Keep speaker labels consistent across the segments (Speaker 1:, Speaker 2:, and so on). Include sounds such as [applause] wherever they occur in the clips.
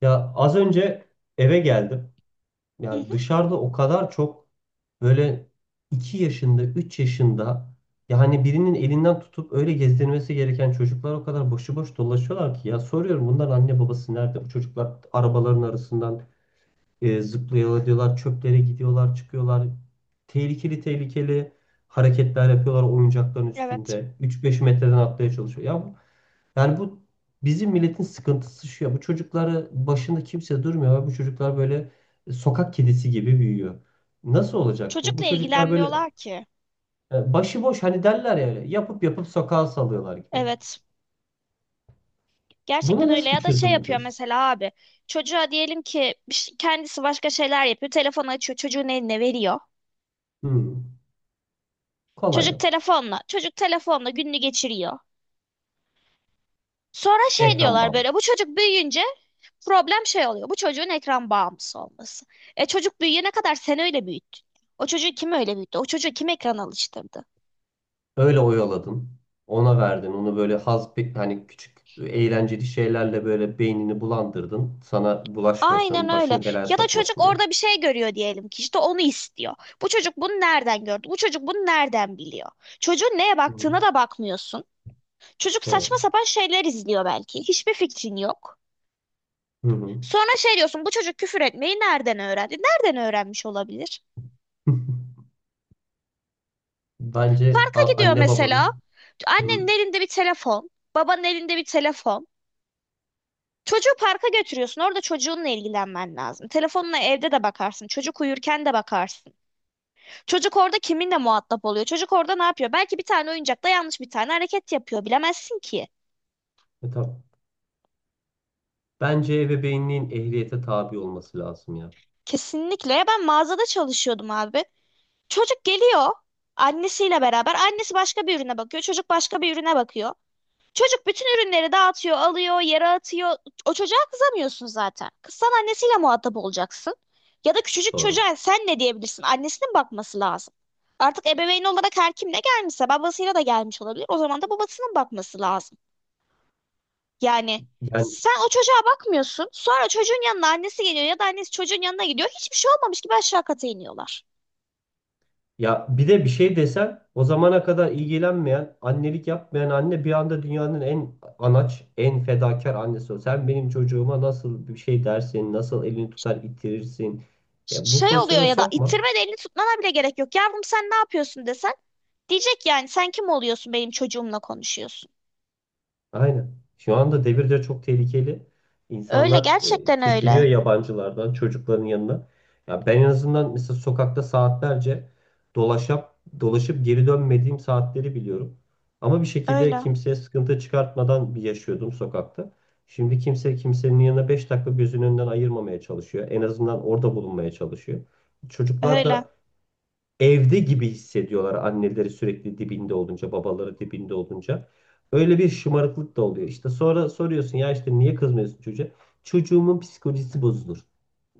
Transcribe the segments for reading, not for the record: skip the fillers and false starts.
Speaker 1: Ya az önce eve geldim.
Speaker 2: Hı
Speaker 1: Yani
Speaker 2: hı,
Speaker 1: dışarıda o kadar çok böyle 2 yaşında, 3 yaşında yani birinin elinden tutup öyle gezdirmesi gereken çocuklar o kadar başıboş dolaşıyorlar ki ya soruyorum bunların anne babası nerede? Bu çocuklar arabaların arasından zıplayalı diyorlar, çöplere gidiyorlar, çıkıyorlar. Tehlikeli tehlikeli hareketler yapıyorlar oyuncakların
Speaker 2: evet.
Speaker 1: üstünde. Üç beş metreden atlaya çalışıyor. Ya yani bu bizim milletin sıkıntısı şu ya. Bu çocukları başında kimse durmuyor ve bu çocuklar böyle sokak kedisi gibi büyüyor. Nasıl olacak bu?
Speaker 2: Çocukla
Speaker 1: Bu çocuklar böyle
Speaker 2: ilgilenmiyorlar ki.
Speaker 1: başıboş hani derler ya öyle, yapıp yapıp sokağa salıyorlar gibi.
Speaker 2: Evet.
Speaker 1: Buna
Speaker 2: Gerçekten öyle
Speaker 1: nasıl bir
Speaker 2: ya da şey
Speaker 1: çözüm
Speaker 2: yapıyor
Speaker 1: bulacağız?
Speaker 2: mesela abi. Çocuğa diyelim ki bir şey- kendisi başka şeyler yapıyor. Telefonu açıyor, çocuğun eline veriyor.
Speaker 1: Hmm, kolay
Speaker 2: Çocuk
Speaker 1: yok.
Speaker 2: telefonla, çocuk telefonla gününü geçiriyor. Sonra şey
Speaker 1: Ekran
Speaker 2: diyorlar böyle
Speaker 1: bağımlısı.
Speaker 2: bu çocuk büyüyünce problem şey oluyor. Bu çocuğun ekran bağımlısı olması. E çocuk büyüyene kadar sen öyle büyüttün. O çocuğu kim öyle büyüttü? O çocuğu kim ekran alıştırdı?
Speaker 1: Öyle oyaladın. Ona verdin. Onu böyle hani küçük eğlenceli şeylerle böyle beynini bulandırdın. Sana
Speaker 2: Aynen
Speaker 1: bulaşmasın,
Speaker 2: öyle.
Speaker 1: başını belaya
Speaker 2: Ya da çocuk
Speaker 1: sokmasın diye.
Speaker 2: orada bir şey görüyor diyelim ki işte onu istiyor. Bu çocuk bunu nereden gördü? Bu çocuk bunu nereden biliyor? Çocuğun neye
Speaker 1: Hı
Speaker 2: baktığına
Speaker 1: hı.
Speaker 2: da bakmıyorsun. Çocuk saçma
Speaker 1: Doğru.
Speaker 2: sapan şeyler izliyor belki. Hiçbir fikrin yok.
Speaker 1: Hı
Speaker 2: Sonra şey diyorsun bu çocuk küfür etmeyi nereden öğrendi? Nereden öğrenmiş olabilir?
Speaker 1: hı. [laughs] Bence
Speaker 2: Parka gidiyor
Speaker 1: anne
Speaker 2: mesela.
Speaker 1: babanın. Hı.
Speaker 2: Annenin elinde bir telefon. Babanın elinde bir telefon. Çocuğu parka götürüyorsun. Orada çocuğunla ilgilenmen lazım. Telefonla evde de bakarsın. Çocuk uyurken de bakarsın. Çocuk orada kiminle muhatap oluyor? Çocuk orada ne yapıyor? Belki bir tane oyuncakta yanlış bir tane hareket yapıyor. Bilemezsin ki.
Speaker 1: Tamam Bence ebeveynliğin ehliyete tabi olması lazım ya.
Speaker 2: Kesinlikle. Ben mağazada çalışıyordum abi. Çocuk geliyor annesiyle beraber. Annesi başka bir ürüne bakıyor. Çocuk başka bir ürüne bakıyor. Çocuk bütün ürünleri dağıtıyor, alıyor, yere atıyor. O çocuğa kızamıyorsun zaten. Kızsan annesiyle muhatap olacaksın. Ya da küçücük
Speaker 1: Doğru.
Speaker 2: çocuğa sen ne diyebilirsin? Annesinin bakması lazım. Artık ebeveyn olarak her kimle gelmişse babasıyla da gelmiş olabilir. O zaman da babasının bakması lazım. Yani
Speaker 1: Yani
Speaker 2: sen o çocuğa bakmıyorsun. Sonra çocuğun yanına annesi geliyor ya da annesi çocuğun yanına gidiyor. Hiçbir şey olmamış gibi aşağı kata iniyorlar.
Speaker 1: ya bir de bir şey desen o zamana kadar ilgilenmeyen, annelik yapmayan anne bir anda dünyanın en anaç, en fedakar annesi o. Sen benim çocuğuma nasıl bir şey dersin, nasıl elini tutar itirirsin. Ya bu
Speaker 2: Şey oluyor
Speaker 1: pozisyona
Speaker 2: ya da
Speaker 1: sokma.
Speaker 2: ittirme de elini tutmana bile gerek yok. Yavrum sen ne yapıyorsun desen. Diyecek yani sen kim oluyorsun benim çocuğumla konuşuyorsun.
Speaker 1: Aynen. Şu anda devirde çok tehlikeli.
Speaker 2: Öyle
Speaker 1: İnsanlar
Speaker 2: gerçekten
Speaker 1: çekiniyor
Speaker 2: öyle.
Speaker 1: yabancılardan, çocukların yanına. Ya ben en azından mesela sokakta saatlerce dolaşıp dolaşıp geri dönmediğim saatleri biliyorum. Ama bir şekilde
Speaker 2: Öyle.
Speaker 1: kimseye sıkıntı çıkartmadan bir yaşıyordum sokakta. Şimdi kimse kimsenin yanına 5 dakika gözünün önünden ayırmamaya çalışıyor. En azından orada bulunmaya çalışıyor. Çocuklar
Speaker 2: Öyle.
Speaker 1: da evde gibi hissediyorlar anneleri sürekli dibinde olunca, babaları dibinde olunca. Öyle bir şımarıklık da oluyor. İşte sonra soruyorsun ya işte niye kızmıyorsun çocuğa? Çocuğumun psikolojisi bozulur.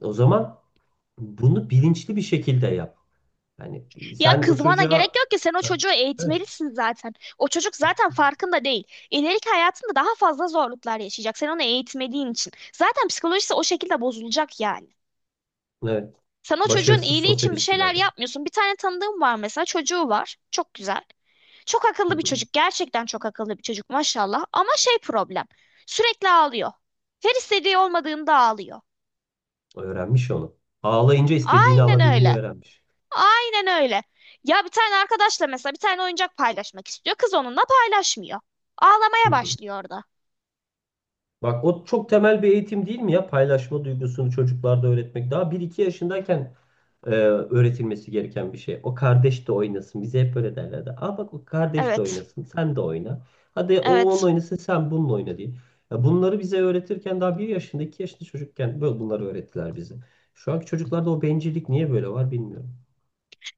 Speaker 1: O zaman bunu bilinçli bir şekilde yap. Yani
Speaker 2: Ya
Speaker 1: sen o
Speaker 2: kızmana gerek
Speaker 1: çocuğa
Speaker 2: yok ki sen o çocuğu
Speaker 1: evet,
Speaker 2: eğitmelisin zaten. O çocuk zaten farkında değil. İleriki hayatında daha fazla zorluklar yaşayacak. Sen onu eğitmediğin için. Zaten psikolojisi o şekilde bozulacak yani.
Speaker 1: evet,
Speaker 2: Sen o çocuğun
Speaker 1: başarısız
Speaker 2: iyiliği
Speaker 1: sosyal
Speaker 2: için bir şeyler
Speaker 1: ilişkilerde.
Speaker 2: yapmıyorsun. Bir tane tanıdığım var mesela çocuğu var. Çok güzel. Çok
Speaker 1: Hı
Speaker 2: akıllı bir
Speaker 1: hı.
Speaker 2: çocuk. Gerçekten çok akıllı bir çocuk maşallah. Ama şey problem. Sürekli ağlıyor. Her istediği olmadığında ağlıyor.
Speaker 1: Öğrenmiş onu. Ağlayınca istediğini
Speaker 2: Aynen
Speaker 1: alabilmeyi
Speaker 2: öyle.
Speaker 1: öğrenmiş.
Speaker 2: Aynen öyle. Ya bir tane arkadaşla mesela bir tane oyuncak paylaşmak istiyor. Kız onunla paylaşmıyor.
Speaker 1: Hı
Speaker 2: Ağlamaya
Speaker 1: hı.
Speaker 2: başlıyor orada.
Speaker 1: Bak o çok temel bir eğitim değil mi ya? Paylaşma duygusunu çocuklarda öğretmek. Daha bir iki yaşındayken öğretilmesi gereken bir şey. O kardeş de oynasın. Bize hep böyle derlerdi. Aa bak o kardeş de
Speaker 2: Evet.
Speaker 1: oynasın. Sen de oyna. Hadi o onun
Speaker 2: Evet.
Speaker 1: oynasın sen bununla oyna diye. Ya bunları bize öğretirken daha 1 yaşında 2 yaşında çocukken böyle bunları öğrettiler bize. Şu anki çocuklarda o bencillik niye böyle var bilmiyorum.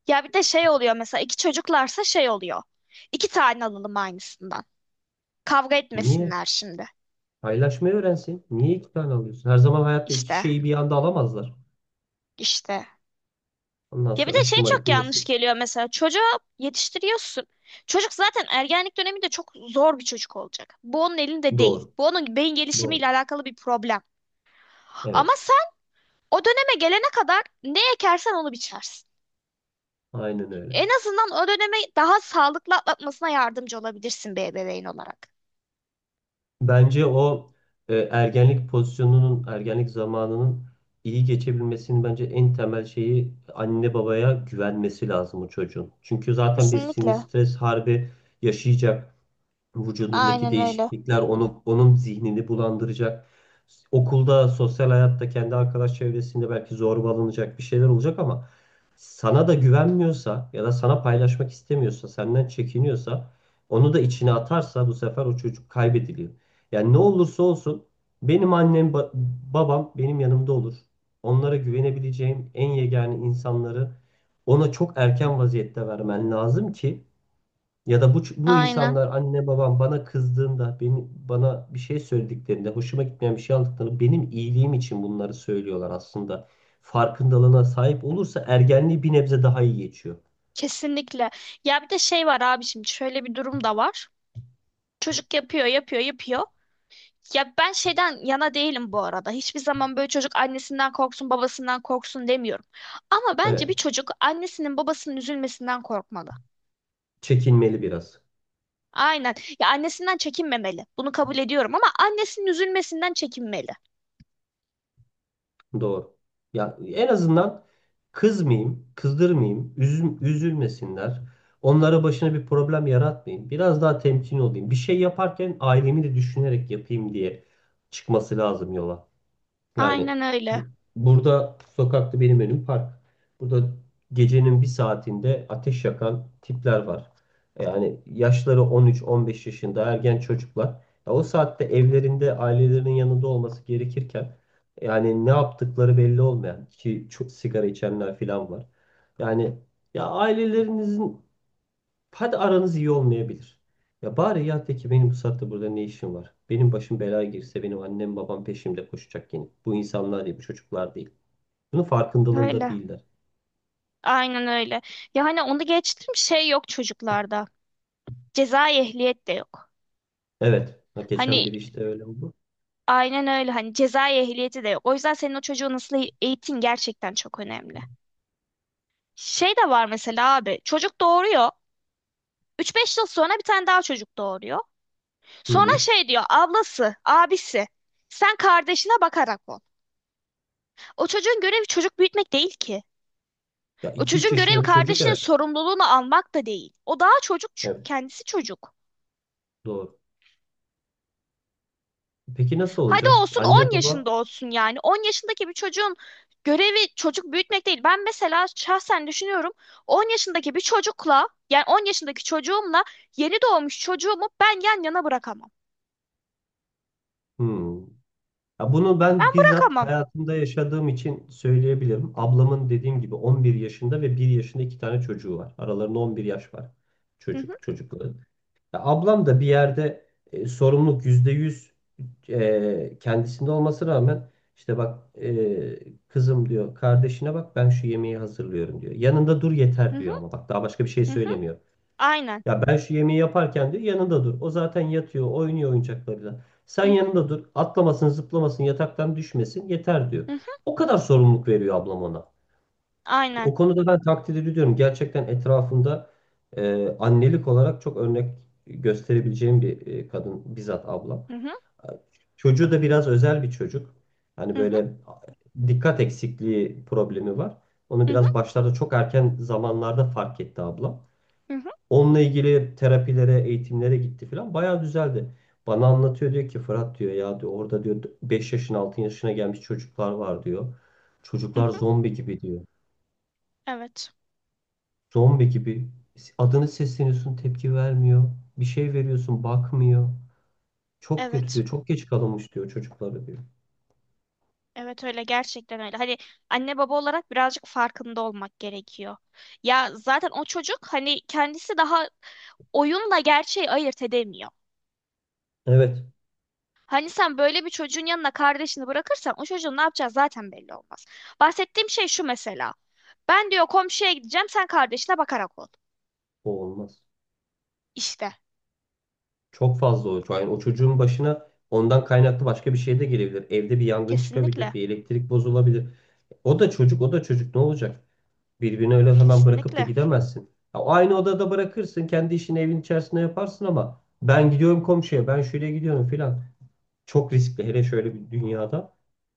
Speaker 2: Ya bir de şey oluyor mesela iki çocuklarsa şey oluyor. İki tane alalım aynısından. Kavga
Speaker 1: Niye?
Speaker 2: etmesinler şimdi.
Speaker 1: Paylaşmayı öğrensin. Niye iki tane alıyorsun? Her zaman hayatta iki
Speaker 2: İşte.
Speaker 1: şeyi bir anda alamazlar.
Speaker 2: İşte.
Speaker 1: Ondan
Speaker 2: Ya bir
Speaker 1: sonra
Speaker 2: de şey
Speaker 1: şımarık
Speaker 2: çok
Speaker 1: bir
Speaker 2: yanlış
Speaker 1: nesil.
Speaker 2: geliyor mesela çocuğu yetiştiriyorsun. Çocuk zaten ergenlik döneminde çok zor bir çocuk olacak. Bu onun elinde değil.
Speaker 1: Doğru.
Speaker 2: Bu onun beyin gelişimiyle
Speaker 1: Doğru.
Speaker 2: alakalı bir problem. Ama
Speaker 1: Evet.
Speaker 2: o döneme gelene kadar ne ekersen onu biçersin.
Speaker 1: Aynen öyle.
Speaker 2: En azından o dönemi daha sağlıklı atlatmasına yardımcı olabilirsin bir ebeveyn olarak.
Speaker 1: Bence o ergenlik pozisyonunun, ergenlik zamanının iyi geçebilmesinin bence en temel şeyi anne babaya güvenmesi lazım o çocuğun. Çünkü zaten bir sinir
Speaker 2: Kesinlikle.
Speaker 1: stres harbi yaşayacak. Vücudundaki
Speaker 2: Aynen öyle.
Speaker 1: değişiklikler onun zihnini bulandıracak. Okulda, sosyal hayatta, kendi arkadaş çevresinde belki zorbalanacak bir şeyler olacak ama sana da güvenmiyorsa ya da sana paylaşmak istemiyorsa, senden çekiniyorsa onu da içine atarsa bu sefer o çocuk kaybediliyor. Yani ne olursa olsun benim annem, babam benim yanımda olur. Onlara güvenebileceğim en yegane insanları ona çok erken vaziyette vermen lazım ki ya da bu
Speaker 2: Aynen.
Speaker 1: insanlar anne babam bana kızdığında, bana bir şey söylediklerinde, hoşuma gitmeyen bir şey aldıklarında benim iyiliğim için bunları söylüyorlar aslında. Farkındalığına sahip olursa ergenliği bir nebze daha iyi geçiyor.
Speaker 2: Kesinlikle. Ya bir de şey var abiciğim, şöyle bir durum da var. Çocuk yapıyor, yapıyor, yapıyor. Ya ben şeyden yana değilim bu arada. Hiçbir zaman böyle çocuk annesinden korksun, babasından korksun demiyorum. Ama bence bir
Speaker 1: Evet,
Speaker 2: çocuk annesinin babasının üzülmesinden korkmalı.
Speaker 1: çekinmeli biraz.
Speaker 2: Aynen. Ya annesinden çekinmemeli. Bunu kabul ediyorum ama annesinin üzülmesinden çekinmeli.
Speaker 1: Doğru. Ya en azından kızmayayım, kızdırmayayım, üzülmesinler. Onlara başına bir problem yaratmayayım. Biraz daha temkinli olayım. Bir şey yaparken ailemi de düşünerek yapayım diye çıkması lazım yola. Yani
Speaker 2: Aynen öyle.
Speaker 1: bu, burada sokakta benim önüm park. Burada gecenin bir saatinde ateş yakan tipler var. Yani yaşları 13-15 yaşında ergen çocuklar. Ya o saatte evlerinde ailelerinin yanında olması gerekirken yani ne yaptıkları belli olmayan ki çok sigara içenler falan var. Yani ya ailelerinizin. Hadi aranız iyi olmayabilir. Ya bari ya de ki benim bu saatte burada ne işim var? Benim başım belaya girse benim annem babam peşimde koşacak yine. Bu insanlar değil, bu çocuklar değil. Bunun farkındalığında
Speaker 2: Öyle.
Speaker 1: değiller.
Speaker 2: Aynen öyle. Ya hani onu geçtim şey yok çocuklarda. Cezai ehliyet de yok.
Speaker 1: Evet. Ha, geçen
Speaker 2: Hani
Speaker 1: biri işte öyle oldu.
Speaker 2: aynen öyle hani cezai ehliyeti de yok. O yüzden senin o çocuğu nasıl eğitin gerçekten çok önemli. Şey de var mesela abi. Çocuk doğuruyor. Üç beş yıl sonra bir tane daha çocuk doğuruyor.
Speaker 1: Hı
Speaker 2: Sonra
Speaker 1: hı.
Speaker 2: şey diyor ablası, abisi. Sen kardeşine bakarak ol. O çocuğun görevi çocuk büyütmek değil ki.
Speaker 1: Ya
Speaker 2: O
Speaker 1: iki üç
Speaker 2: çocuğun görevi
Speaker 1: yaşında bir çocuk
Speaker 2: kardeşinin
Speaker 1: evet.
Speaker 2: sorumluluğunu almak da değil. O daha çocuk çünkü
Speaker 1: Evet,
Speaker 2: kendisi çocuk.
Speaker 1: doğru. Peki nasıl
Speaker 2: Hadi
Speaker 1: olacak?
Speaker 2: olsun
Speaker 1: Anne
Speaker 2: 10
Speaker 1: baba?
Speaker 2: yaşında olsun yani. 10 yaşındaki bir çocuğun görevi çocuk büyütmek değil. Ben mesela şahsen düşünüyorum 10 yaşındaki bir çocukla yani 10 yaşındaki çocuğumla yeni doğmuş çocuğumu ben yan yana bırakamam.
Speaker 1: Hmm. Ya bunu
Speaker 2: Ben
Speaker 1: ben bizzat
Speaker 2: bırakamam.
Speaker 1: hayatımda yaşadığım için söyleyebilirim. Ablamın dediğim gibi 11 yaşında ve 1 yaşında iki tane çocuğu var. Aralarında 11 yaş var.
Speaker 2: Hı hı,
Speaker 1: Çocukları. Ya ablam da bir yerde sorumluluk %100 kendisinde olması rağmen işte bak kızım diyor kardeşine bak ben şu yemeği hazırlıyorum diyor. Yanında dur
Speaker 2: hı
Speaker 1: yeter
Speaker 2: hı,
Speaker 1: diyor ama bak daha başka bir şey
Speaker 2: hı hı.
Speaker 1: söylemiyor.
Speaker 2: Aynen.
Speaker 1: Ya ben şu yemeği yaparken diyor yanında dur. O zaten yatıyor oynuyor oyuncaklarıyla. Sen
Speaker 2: Hı hı,
Speaker 1: yanında dur atlamasın zıplamasın yataktan düşmesin yeter diyor.
Speaker 2: hı hı,
Speaker 1: O kadar sorumluluk veriyor ablam ona.
Speaker 2: aynen.
Speaker 1: O konuda ben takdir ediyorum. Gerçekten etrafımda annelik olarak çok örnek gösterebileceğim bir kadın bizzat ablam.
Speaker 2: Hı hı,
Speaker 1: Çocuğu da biraz özel bir çocuk. Hani
Speaker 2: hı hı,
Speaker 1: böyle dikkat eksikliği problemi var. Onu
Speaker 2: hı hı,
Speaker 1: biraz başlarda çok erken zamanlarda fark etti ablam.
Speaker 2: hı hı,
Speaker 1: Onunla ilgili terapilere, eğitimlere gitti falan. Bayağı düzeldi. Bana anlatıyor diyor ki Fırat diyor ya diyor orada diyor 5 yaşın 6 yaşına gelmiş çocuklar var diyor.
Speaker 2: hı
Speaker 1: Çocuklar
Speaker 2: hı.
Speaker 1: zombi gibi diyor.
Speaker 2: Evet.
Speaker 1: Zombi gibi adını sesleniyorsun tepki vermiyor. Bir şey veriyorsun bakmıyor. Çok kötü
Speaker 2: Evet.
Speaker 1: diyor. Çok geç kalınmış diyor çocukları diyor.
Speaker 2: Evet öyle gerçekten öyle. Hani anne baba olarak birazcık farkında olmak gerekiyor. Ya zaten o çocuk hani kendisi daha oyunla gerçeği ayırt edemiyor.
Speaker 1: Evet,
Speaker 2: Hani sen böyle bir çocuğun yanına kardeşini bırakırsan o çocuğun ne yapacağı zaten belli olmaz. Bahsettiğim şey şu mesela. Ben diyor komşuya gideceğim sen kardeşine bakarak ol.
Speaker 1: o olmaz.
Speaker 2: İşte
Speaker 1: Çok fazla o. Yani o çocuğun başına ondan kaynaklı başka bir şey de gelebilir. Evde bir yangın çıkabilir.
Speaker 2: kesinlikle
Speaker 1: Bir elektrik bozulabilir. O da çocuk o da çocuk ne olacak? Birbirini öyle hemen bırakıp da
Speaker 2: kesinlikle.
Speaker 1: gidemezsin. Ya aynı odada bırakırsın. Kendi işini evin içerisinde yaparsın ama ben gidiyorum komşuya ben şöyle gidiyorum filan. Çok riskli hele şöyle bir dünyada.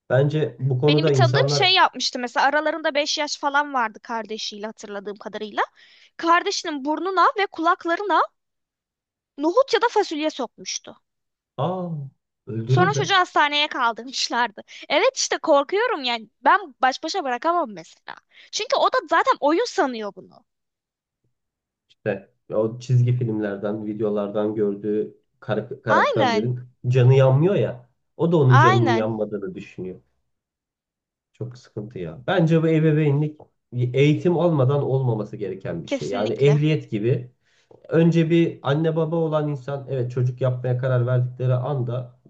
Speaker 1: Bence bu
Speaker 2: Benim bir
Speaker 1: konuda
Speaker 2: tanıdığım
Speaker 1: insanlar.
Speaker 2: şey yapmıştı mesela aralarında 5 yaş falan vardı kardeşiyle hatırladığım kadarıyla. Kardeşinin burnuna ve kulaklarına nohut ya da fasulye sokmuştu.
Speaker 1: Aa,
Speaker 2: Sonra
Speaker 1: öldürür be.
Speaker 2: çocuğu hastaneye kaldırmışlardı. Evet işte korkuyorum yani ben baş başa bırakamam mesela. Çünkü o da zaten oyun sanıyor bunu.
Speaker 1: İşte o çizgi filmlerden, videolardan gördüğü
Speaker 2: Aynen,
Speaker 1: karakterlerin canı yanmıyor ya. O da onun canının
Speaker 2: aynen.
Speaker 1: yanmadığını düşünüyor. Çok sıkıntı ya. Bence bu ebeveynlik eğitim olmadan olmaması gereken bir şey. Yani
Speaker 2: Kesinlikle,
Speaker 1: ehliyet gibi. Önce bir anne baba olan insan evet çocuk yapmaya karar verdikleri anda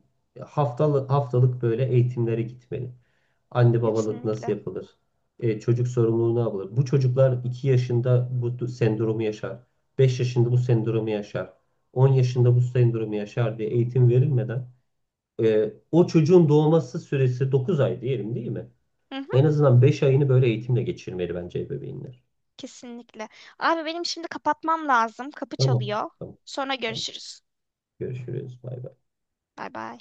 Speaker 1: haftalık haftalık böyle eğitimlere gitmeli. Anne babalık nasıl
Speaker 2: kesinlikle.
Speaker 1: yapılır? Çocuk sorumluluğu ne yapılır? Bu çocuklar 2 yaşında bu sendromu yaşar. 5 yaşında bu sendromu yaşar. 10 yaşında bu sendromu yaşar diye eğitim verilmeden o çocuğun doğması süresi 9 ay diyelim değil mi?
Speaker 2: Hı hı,
Speaker 1: En azından 5 ayını böyle eğitimle geçirmeli bence ebeveynler.
Speaker 2: kesinlikle. Abi benim şimdi kapatmam lazım. Kapı
Speaker 1: Tamam.
Speaker 2: çalıyor.
Speaker 1: Tamam.
Speaker 2: Sonra
Speaker 1: Tamam.
Speaker 2: görüşürüz.
Speaker 1: Görüşürüz. Bay bay.
Speaker 2: Bay bay.